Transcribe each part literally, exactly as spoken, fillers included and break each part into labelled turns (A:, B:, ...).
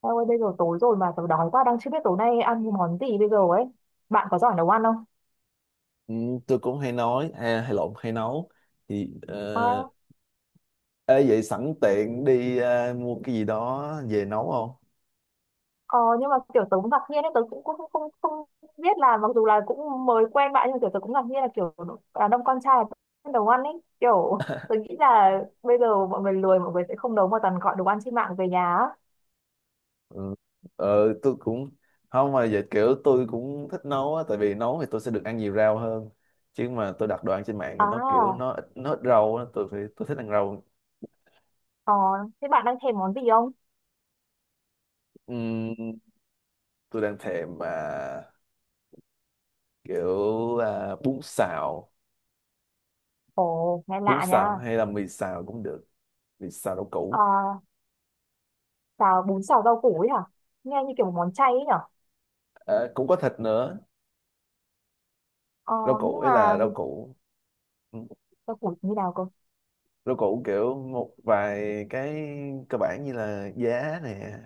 A: Em ơi, bây giờ tối rồi mà tớ đói quá đang chưa biết tối nay ăn món gì bây giờ ấy. Bạn có giỏi nấu ăn không?
B: Ừ, tôi cũng hay nói hay, hay lộn hay nấu thì ờ,
A: À,
B: ê, vậy sẵn tiện đi ờ, mua cái gì đó về nấu không?
A: ờ, nhưng mà kiểu tớ cũng ngạc nhiên ấy, tớ cũng không, không, không biết là mặc dù là cũng mới quen bạn nhưng mà kiểu tớ cũng ngạc nhiên là kiểu đàn ông con trai là nấu ăn ấy. Kiểu tớ nghĩ là bây giờ mọi người lười mọi người sẽ không nấu mà toàn gọi đồ ăn trên mạng về nhà á.
B: Ừ. Ờ, tôi cũng không mà vậy kiểu tôi cũng thích nấu á, tại vì nấu thì tôi sẽ được ăn nhiều rau hơn, chứ mà tôi đặt đồ ăn trên mạng thì nó kiểu
A: À,
B: nó ít nó ít rau á, tôi phải tôi thích ăn rau.
A: ờ, Thế bạn đang thèm món gì không?
B: Ừm, tôi đang thèm mà kiểu à, bún xào,
A: Ồ, nghe
B: bún
A: lạ nha.
B: xào hay là mì xào cũng được, mì xào rau
A: Ờ,
B: củ.
A: Xào bún xào rau củ ấy hả? Nghe như kiểu một món chay ấy nhở?
B: Ờ, cũng có thịt nữa,
A: Ờ,
B: rau củ
A: nhưng
B: ấy
A: mà
B: là rau củ Ừ.
A: rau củ như nào
B: Rau củ kiểu một vài cái cơ bản, như là giá nè,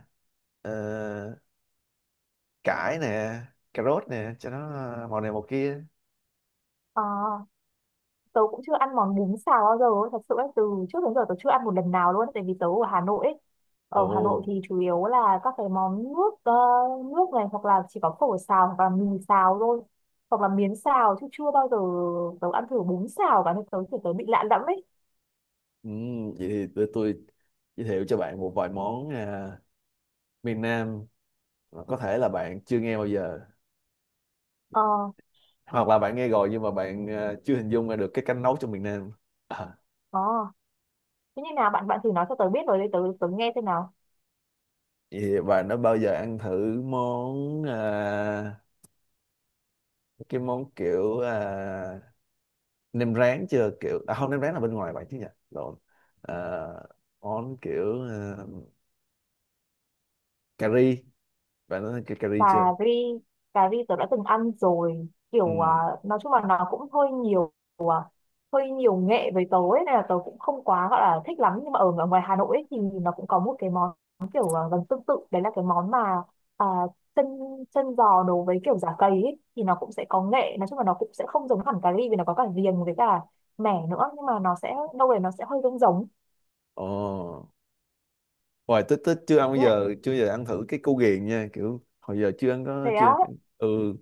B: ờ, cải nè, cà rốt nè, cho nó màu này màu kia.
A: cơ? Tớ cũng chưa ăn món bún xào bao giờ ấy, thật sự ấy, từ trước đến giờ tớ chưa ăn một lần nào luôn ấy. Tại vì tớ ở Hà Nội ấy, ở Hà Nội
B: Ồ.
A: thì chủ yếu là các cái món nước, ờ, nước này, hoặc là chỉ có phở xào hoặc là mì xào thôi, hoặc là miến xào, chứ chưa bao giờ tớ ăn thử bún xào cả nên tớ thì tớ bị lạ lẫm ấy.
B: Ừm, vậy thì để tôi giới thiệu cho bạn một vài món à, miền Nam, mà có thể là bạn chưa nghe bao giờ,
A: Ờ.
B: hoặc là bạn nghe rồi nhưng mà bạn à, chưa hình dung ra được cái cách nấu trong miền Nam. À,
A: Ờ, thế như nào, bạn bạn thử nói cho tớ biết rồi để tớ tớ nghe xem nào.
B: vậy thì bạn đã bao giờ ăn thử món à, cái món kiểu à, nem rán chưa, kiểu à không, nem rán là bên ngoài vậy chứ nhỉ, lộn. Ờ, món kiểu ờ, cà ri, bạn nói cái cà ri
A: Cà
B: chưa?
A: ri. Cà ri tớ đã từng ăn rồi,
B: Ừ.
A: kiểu à, nói chung là nó cũng hơi nhiều, à, hơi nhiều nghệ với tớ ấy, nên là tớ cũng không quá gọi là thích lắm, nhưng mà ở ngo- ngoài Hà Nội ấy, thì nó cũng có một cái món kiểu, à, gần tương tự, đấy là cái món mà, à, chân, chân giò nấu với kiểu giả cầy ấy, thì nó cũng sẽ có nghệ, nói chung là nó cũng sẽ không giống hẳn cà ri vì nó có cả riềng với cả mẻ nữa, nhưng mà nó sẽ đâu đấy nó sẽ hơi giống giống.
B: Ồ. Hoài tích tích chưa ăn bao giờ, chưa bao giờ ăn thử cái cu ghiền nha, kiểu hồi giờ chưa ăn có
A: Thế á,
B: chưa. Ừ.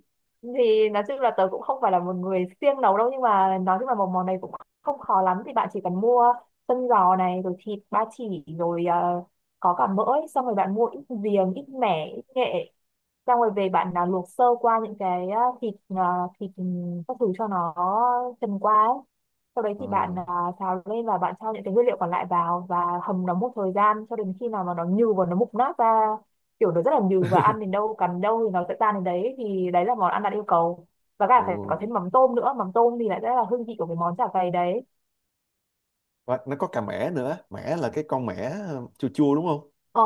A: thì nói chung là tớ cũng không phải là một người siêng nấu đâu, nhưng mà nói chung là một món này cũng không khó lắm. Thì bạn chỉ cần mua chân giò này, rồi thịt ba chỉ, rồi ờ, có cả mỡ ấy. Xong rồi bạn mua ít giềng, ít mẻ, ít nghệ. Xong rồi về bạn là luộc sơ qua những cái, à, thịt, à, thịt ừ, các thứ cho nó trần qua ấy. Sau đấy
B: Ờ.
A: thì bạn, à, xào lên, và bạn cho những cái nguyên liệu còn lại vào và hầm nó một thời gian cho đến khi nào mà nó nhừ và nó mục nát ra, kiểu nó rất là nhừ và ăn đến đâu cắn đâu thì nó sẽ tan đến đấy, thì đấy là món ăn đạt yêu cầu. Và cả
B: Ồ.
A: phải có thêm mắm tôm nữa, mắm tôm thì lại rất là hương vị của cái món chả cầy đấy.
B: Và nó có cà mẻ nữa, mẻ là cái con mẻ, ờ, chua chua đúng không?
A: Ờ,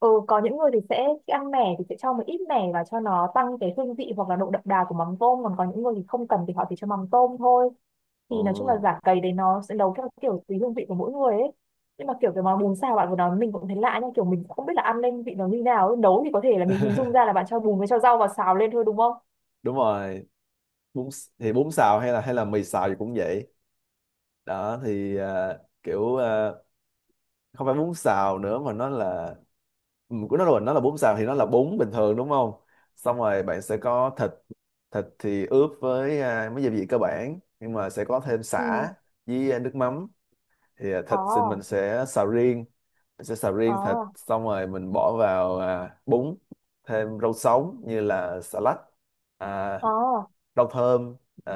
A: ừ, có những người thì sẽ khi ăn mẻ thì sẽ cho một ít mẻ và cho nó tăng cái hương vị hoặc là độ đậm đà của mắm tôm, còn có những người thì không cần thì họ chỉ cho mắm tôm thôi.
B: Ồ.
A: Thì nói chung là giả cầy đấy nó sẽ nấu theo kiểu tùy hương vị của mỗi người ấy. Nhưng mà kiểu cái món bún xào bạn vừa nói mình cũng thấy lạ nha, kiểu mình cũng không biết là ăn lên vị nó như nào ấy. Nấu thì có thể là mình hình dung ra là bạn cho bùn với cho rau vào xào lên thôi, đúng không?
B: Đúng rồi. Bún s- thì bún xào hay là hay là mì xào thì cũng vậy đó. Thì ờ, kiểu ờ, không phải bún xào nữa mà nó là, ừ, của nó là, nó là bún xào thì nó là bún bình thường đúng không. Xong rồi bạn sẽ có thịt, thịt thì ướp với à, mấy gia vị cơ bản, nhưng mà sẽ có thêm
A: Ừ.
B: sả với à, nước mắm. Thì à,
A: Ờ.
B: thịt thì mình sẽ xào riêng, mình sẽ xào riêng thịt,
A: Ờ.
B: xong rồi mình bỏ vào à, bún, thêm rau sống như là xà lách, à,
A: Ờ.
B: rau thơm, à,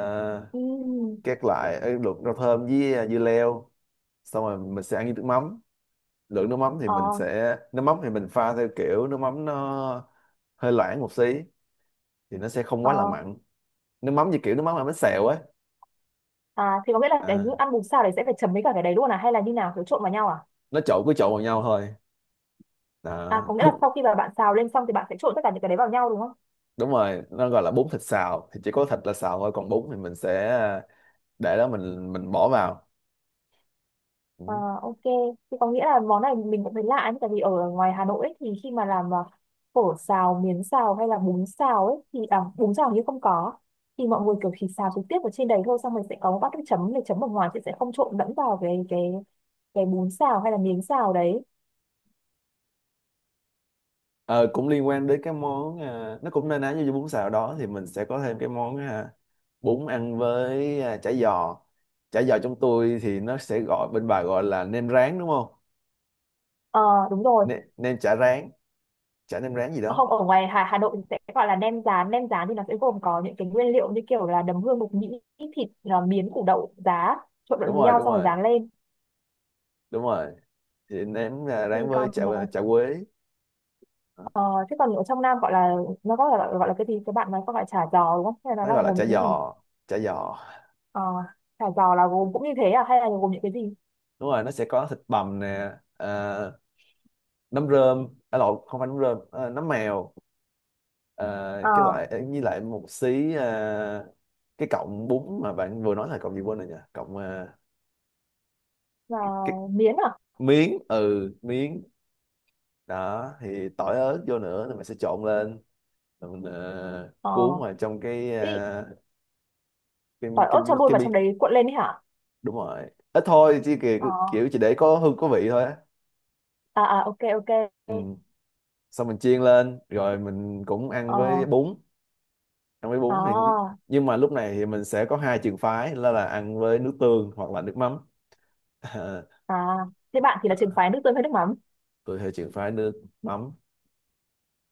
A: Ừ.
B: các loại, ờ, luộc rau thơm với à, dưa leo, xong rồi mình sẽ ăn với nước mắm. Lượng nước mắm thì mình
A: Ờ.
B: sẽ nước mắm thì mình pha theo kiểu nước mắm nó hơi loãng một xí, thì nó sẽ không quá là
A: Ờ.
B: mặn. Nước mắm như kiểu nước mắm làm bánh xèo ấy.
A: À, thì có nghĩa là cái
B: À,
A: ăn bún xào đấy sẽ phải chấm với cả cái đấy luôn à, hay là như nào, kiểu trộn vào nhau à?
B: nó trộn, cứ trộn vào nhau thôi.
A: À,
B: Đó,
A: có nghĩa là
B: đúng.
A: sau khi mà bạn xào lên xong thì bạn sẽ trộn tất cả những cái đấy vào nhau, đúng không?
B: Đúng rồi, nó gọi là bún thịt xào thì chỉ có thịt là xào thôi, còn bún thì mình sẽ để đó, mình mình bỏ vào.
A: À,
B: Ừ.
A: ok, thì có nghĩa là món này mình cũng thấy lạ ấy, tại vì ở ngoài Hà Nội ấy, thì khi mà làm, à, phở xào, miến xào, hay là bún xào ấy, thì à, bún xào hình như không có. Thì mọi người kiểu chỉ xào trực tiếp ở trên đấy thôi, xong mình sẽ có một bát nước chấm để chấm ở ngoài, thì sẽ không trộn lẫn vào cái cái cái bún xào hay là miến xào đấy.
B: Ờ, cũng liên quan đến cái món à, nó cũng na ná như bún xào đó, thì mình sẽ có thêm cái món à, bún ăn với à, chả giò. Chả giò trong tôi thì nó sẽ gọi, bên bà gọi là nem rán đúng không.
A: Ờ, đúng rồi.
B: Nem, nem chả rán, chả nem rán gì đó.
A: Không, ở ngoài Hà Hà Nội thì sẽ gọi là nem rán. Nem rán thì nó sẽ gồm có những cái nguyên liệu như kiểu là đấm hương, mộc nhĩ, thịt, à, miến, củ đậu, giá, trộn
B: Đúng
A: lẫn với
B: rồi,
A: nhau
B: đúng
A: xong rồi
B: rồi,
A: rán lên.
B: đúng rồi Thì nem à,
A: Thì
B: rán với
A: còn
B: chả,
A: ờ,
B: chả quế. Đó.
A: ờ, thế còn ở trong Nam gọi là, nó có gọi là, gọi là cái gì, các bạn nói có gọi là chả giò đúng không, hay là
B: Nó
A: nó là
B: gọi là
A: gồm
B: chả
A: những cái gì?
B: giò, chả giò
A: Ờ, chả giò là gồm cũng như thế à, hay là gồm những cái gì?
B: Đúng rồi, nó sẽ có thịt bằm nè, à, nấm rơm, à, lộn, không phải nấm rơm, à, nấm mèo, à,
A: Ờ,
B: cái loại à, với lại một xí à, cái cọng bún mà bạn vừa nói là cọng gì quên rồi nhỉ, cọng à,
A: là
B: cái
A: miến à.
B: miếng, ừ, miếng. Đó, thì tỏi ớt vô nữa, thì mình sẽ trộn lên, rồi mình ờ,
A: Ờ,
B: cuốn vào trong cái
A: ý,
B: ờ, cái
A: tỏi
B: cái
A: ớt cho luôn
B: cái,
A: vào
B: miếng.
A: trong đấy cuộn lên đấy hả?
B: Đúng rồi, ít thôi, chỉ
A: Ờ,
B: kiểu, kiểu chỉ để có hương có vị thôi á.
A: à à ok ok.
B: Ừ. Xong mình chiên lên, rồi mình cũng ăn với
A: Ờ,
B: bún. Ăn với bún thì
A: à
B: nhưng mà lúc này thì mình sẽ có hai trường phái là là ăn với nước tương hoặc là nước mắm.
A: à thế bạn thì là
B: Ờ,
A: trường phái nước tương hay nước mắm?
B: tôi theo trường phái nước mắm.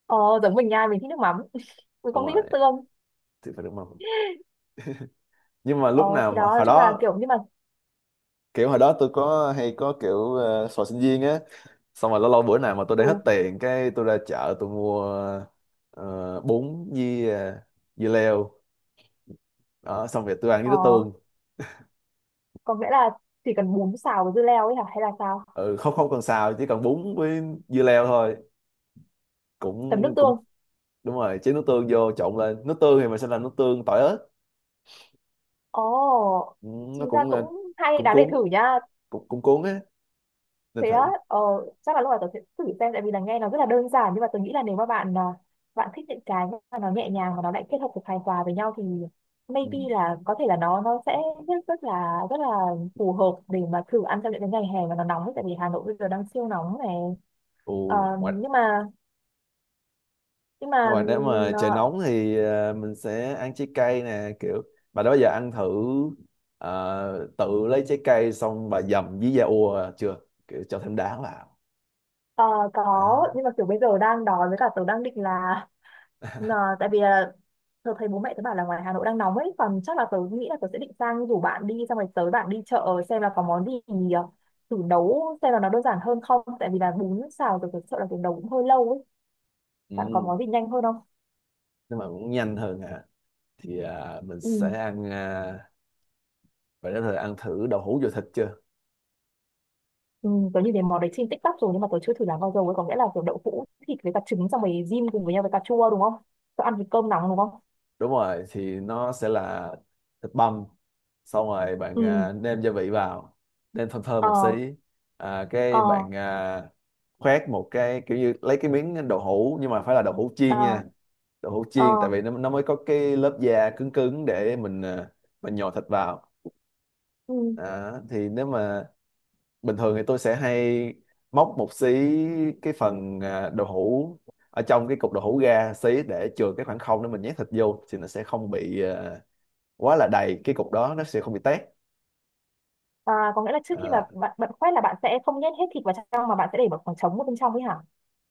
A: Ờ, giống mình nha, mình thích nước mắm, mình
B: Đúng
A: không thích
B: rồi,
A: nước tương.
B: trường phái nước mắm. Nhưng mà
A: Ờ,
B: lúc nào
A: thì đó,
B: mà
A: nói
B: hồi
A: chung là
B: đó,
A: kiểu như mà,
B: kiểu hồi đó tôi có hay có kiểu, uh, sò sinh viên á, xong rồi lâu lâu bữa nào mà tôi để
A: ừ,
B: hết tiền, cái tôi ra chợ tôi mua ờ, bún với, uh, dưa leo. Đó, xong rồi tôi ăn với
A: ờ,
B: nước tương.
A: có nghĩa là chỉ cần bún xào với dưa leo ấy hả, hay là sao?
B: Ừ, không, không cần xào, chỉ cần bún với dưa leo thôi,
A: Chấm nước
B: cũng cũng
A: tương.
B: Đúng rồi, chế nước tương vô trộn lên, nước tương thì mình sẽ làm nước tương tỏi ớt.
A: Ồ,
B: Ừ, nó
A: chính ra
B: cũng ờ,
A: cũng hay,
B: cũng
A: đáng để
B: cuốn,
A: thử nha.
B: cũng, cũng cuốn á, nên
A: Thế á,
B: thử.
A: ờ, chắc là lúc nào tớ sẽ thử xem, tại vì là nghe nó rất là đơn giản, nhưng mà tớ nghĩ là nếu mà bạn, à, bạn thích những cái mà nó nhẹ nhàng và nó lại kết hợp được hài hòa với nhau, thì
B: Ừ.
A: maybe là có thể là nó nó sẽ rất, rất là rất là phù hợp để mà thử ăn trong những cái ngày hè mà nó nóng ấy, tại vì Hà Nội bây giờ đang siêu nóng này.
B: Ồ,
A: Ờ,
B: ngoài,
A: nhưng mà nhưng mà
B: ngoài nếu mà trời
A: ờ,
B: nóng thì ờ, mình sẽ ăn trái cây nè, kiểu bà đó giờ ăn thử, ờ, tự lấy trái cây xong bà dầm với da ua chưa, kiểu cho thêm đá vào.
A: ờ, có,
B: Đó.
A: nhưng mà kiểu bây giờ đang đói với cả tớ đang định là, ờ, tại vì là tớ thấy bố mẹ tớ bảo là ngoài Hà Nội đang nóng ấy, còn chắc là tớ nghĩ là tớ sẽ định sang rủ bạn đi, xong rồi tới bạn đi chợ xem là có món gì, ờ, thử nấu xem là nó đơn giản hơn không, tại vì là bún xào tớ thật sợ là tớ nấu cũng hơi lâu ấy. Bạn có
B: Ừ.
A: món gì nhanh hơn không?
B: Nếu mà muốn nhanh hơn à, thì à, mình
A: Ừ.
B: sẽ ăn ờ, bạn đã thử ăn thử đậu hũ dừa thịt chưa?
A: Ừ, tớ nhìn thấy món đấy trên TikTok rồi, nhưng mà tớ chưa thử làm bao giờ ấy. Có nghĩa là kiểu đậu hũ thịt với cả trứng xong rồi rim cùng với nhau với cà chua đúng không? Tớ ăn với cơm nóng đúng không?
B: Đúng rồi, thì nó sẽ là thịt băm. Xong rồi bạn
A: Ừ.
B: à, nêm gia vị vào, nêm thơm thơm
A: Ờ.
B: một xí. À,
A: Ờ.
B: cái bạn à, khoét một cái kiểu như lấy cái miếng đậu hũ, nhưng mà phải là đậu hũ
A: Ờ.
B: chiên nha. Đậu hũ chiên, tại
A: Ờ.
B: vì nó nó mới có cái lớp da cứng cứng để mình à, mình nhồi thịt vào.
A: Ừ.
B: Đó, thì nếu mà bình thường thì tôi sẽ hay móc một xí cái phần à, đậu hũ ở trong cái cục đậu hũ ra xí, để chừa cái khoảng không để mình nhét thịt vô, thì nó sẽ không bị à, quá là đầy, cái cục đó nó sẽ không bị tét.
A: À, có nghĩa là trước khi mà
B: À,
A: bạn, bạn quét là bạn sẽ không nhét hết thịt vào trong, mà bạn sẽ để một khoảng trống ở bên trong ấy hả?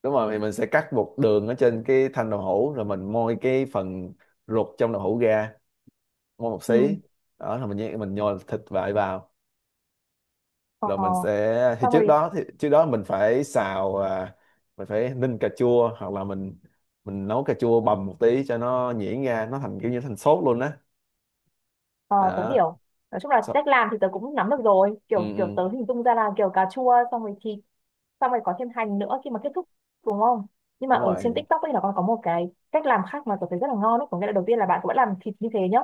B: đúng rồi, thì mình sẽ cắt một đường ở trên cái thanh đậu hũ, rồi mình moi cái phần ruột trong đậu hũ ra, moi một xí,
A: Ừ.
B: đó là mình nhét, mình nhồi thịt vại vào,
A: Ờ.
B: rồi mình sẽ thì
A: Xong
B: trước
A: rồi.
B: đó thì trước đó mình phải xào, à, mình phải ninh cà chua, hoặc là mình mình nấu cà chua bầm một tí cho nó nhuyễn ra, nó thành kiểu như thành sốt luôn á.
A: ờ, Tớ
B: Đó.
A: hiểu. Nói chung là
B: So,
A: cách làm thì tớ cũng nắm được rồi,
B: ừ,
A: kiểu kiểu
B: ừ,
A: tớ hình dung ra là kiểu cà chua xong rồi thịt, xong rồi có thêm hành nữa khi mà kết thúc, đúng không? Nhưng mà
B: đúng
A: ở trên
B: rồi.
A: TikTok ấy là còn có một cái cách làm khác mà tôi thấy rất là ngon ấy. Có nghĩa là đầu tiên là bạn cũng làm thịt như thế nhá,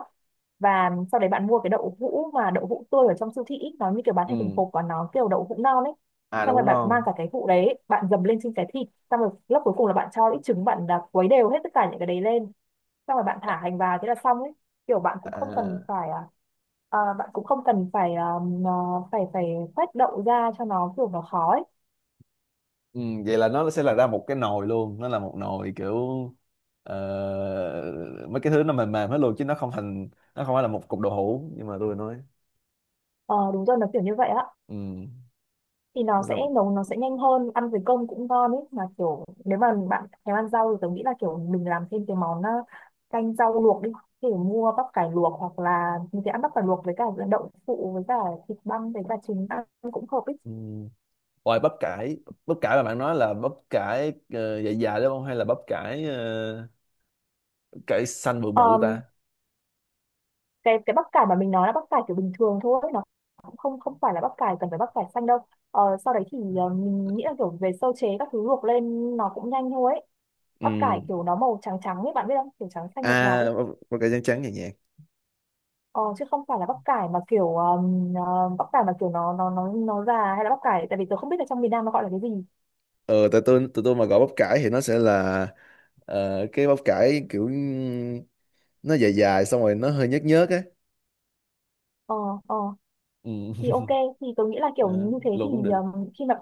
A: và sau đấy bạn mua cái đậu hũ, mà đậu hũ tươi ở trong siêu thị ý, nó như kiểu bán thành từng
B: Ừ.
A: hộp và nó kiểu đậu hũ non ấy,
B: À,
A: xong
B: đậu
A: rồi
B: hũ
A: bạn
B: non.
A: mang cả cái hũ đấy bạn dầm lên trên cái thịt, xong rồi lớp cuối cùng là bạn cho ít trứng, bạn là quấy đều hết tất cả những cái đấy lên, xong rồi bạn thả hành vào thế là xong ấy. Kiểu bạn cũng không cần
B: À,
A: phải, à, à, bạn cũng không cần phải, à, à, phải phải khoét đậu ra cho nó kiểu nó khó ấy.
B: ừ. Vậy là nó sẽ là ra một cái nồi luôn, nó là một nồi kiểu ờ, mấy cái thứ nó mềm mềm hết luôn, chứ nó không thành, nó không phải là một cục đậu hũ, nhưng mà tôi nói.
A: Ờ, đúng rồi, nó kiểu như vậy á.
B: Ừ.
A: Thì nó
B: Nó ra
A: sẽ
B: một-.
A: nấu, nó sẽ nhanh hơn, ăn với cơm cũng ngon ấy. Mà kiểu nếu mà bạn thèm ăn rau thì tớ nghĩ là kiểu mình làm thêm cái món, ờ, canh rau luộc đi, kiểu mua bắp cải luộc, hoặc là mình sẽ ăn bắp cải luộc với cả đậu phụ với cả thịt băm với cả trứng ăn cũng hợp ấy.
B: Ừ. Ôi bắp cải, bắp cải mà bạn nói là bắp cải, uh, dài dài đúng không? Hay là bắp cải, ờ, bắp cải xanh bự bự
A: Ờm,
B: ta?
A: cái cái bắp cải mà mình nói là bắp cải kiểu bình thường thôi, nó cũng không không phải là bắp cải cần phải bắp cải xanh đâu. Ờ, sau đấy thì ờ, mình nghĩ là kiểu về sơ chế các thứ luộc lên nó cũng nhanh thôi ấy. Bắp
B: Ừ.
A: cải kiểu nó màu trắng trắng ấy bạn biết không, kiểu trắng xanh nhạt nhạt ấy.
B: À, bắp, bắp cải trắng trắng nhẹ nhàng.
A: Ờ, chứ không phải là bắp cải mà kiểu um, ờ, bắp cải mà kiểu nó nó nó nó già, hay là bắp cải, tại vì tớ không biết là trong miền Nam nó gọi là cái gì.
B: Ờ, tại tôi tụi tôi mà gọi bắp cải thì nó sẽ là ờ, cái bắp cải kiểu nó dài dài, xong rồi nó hơi nhớt nhớt á.
A: Ờ. Ờ.
B: Ừ.
A: thì ok, thì tớ nghĩ là kiểu
B: Ờ,
A: như thế
B: luộc
A: thì,
B: cũng được.
A: um, khi mà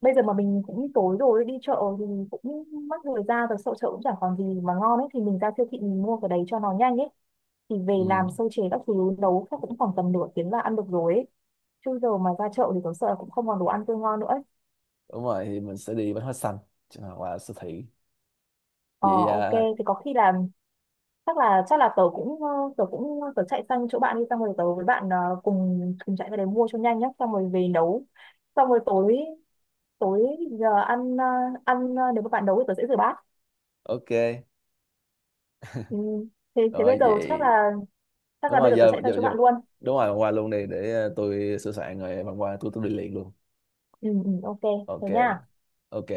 A: bây giờ mà mình cũng tối rồi, đi chợ thì cũng mất thời gian rồi, sợ chợ cũng chẳng còn gì mà ngon ấy, thì mình ra siêu thị mình mua cái đấy cho nó nhanh ấy, thì về
B: Ừ.
A: làm sơ chế các thứ nấu chắc cũng khoảng tầm nửa tiếng là ăn được rồi ấy. Chứ giờ mà ra chợ thì tớ sợ là cũng không còn đồ ăn tươi ngon nữa ấy.
B: Đúng rồi, thì mình sẽ đi bánh hoa xanh. Chứ mà qua siêu thị.
A: Ờ,
B: Vậy
A: ok,
B: à,
A: thì có khi là, chắc là chắc là tớ cũng, ờ, tớ cũng tớ chạy sang chỗ bạn đi, xong rồi tớ với bạn, ờ, cùng cùng chạy ra đấy mua cho nhanh nhá, xong rồi về nấu, xong rồi tối tối giờ ăn, ờ, ăn, ờ, nếu mà bạn nấu thì tớ sẽ rửa bát.
B: ok.
A: Ừ. thế thế bây
B: Rồi
A: giờ chắc
B: vậy,
A: là, chắc
B: đúng
A: là bây
B: rồi,
A: giờ tớ
B: giờ
A: chạy sang
B: giờ,
A: chỗ
B: giờ
A: bạn luôn.
B: đúng rồi qua luôn đi, để ờ, tôi sửa soạn rồi bạn qua, tôi tôi đi liền luôn.
A: Ừ, ừ, ok.
B: Ok.
A: Thế nha.
B: Ok.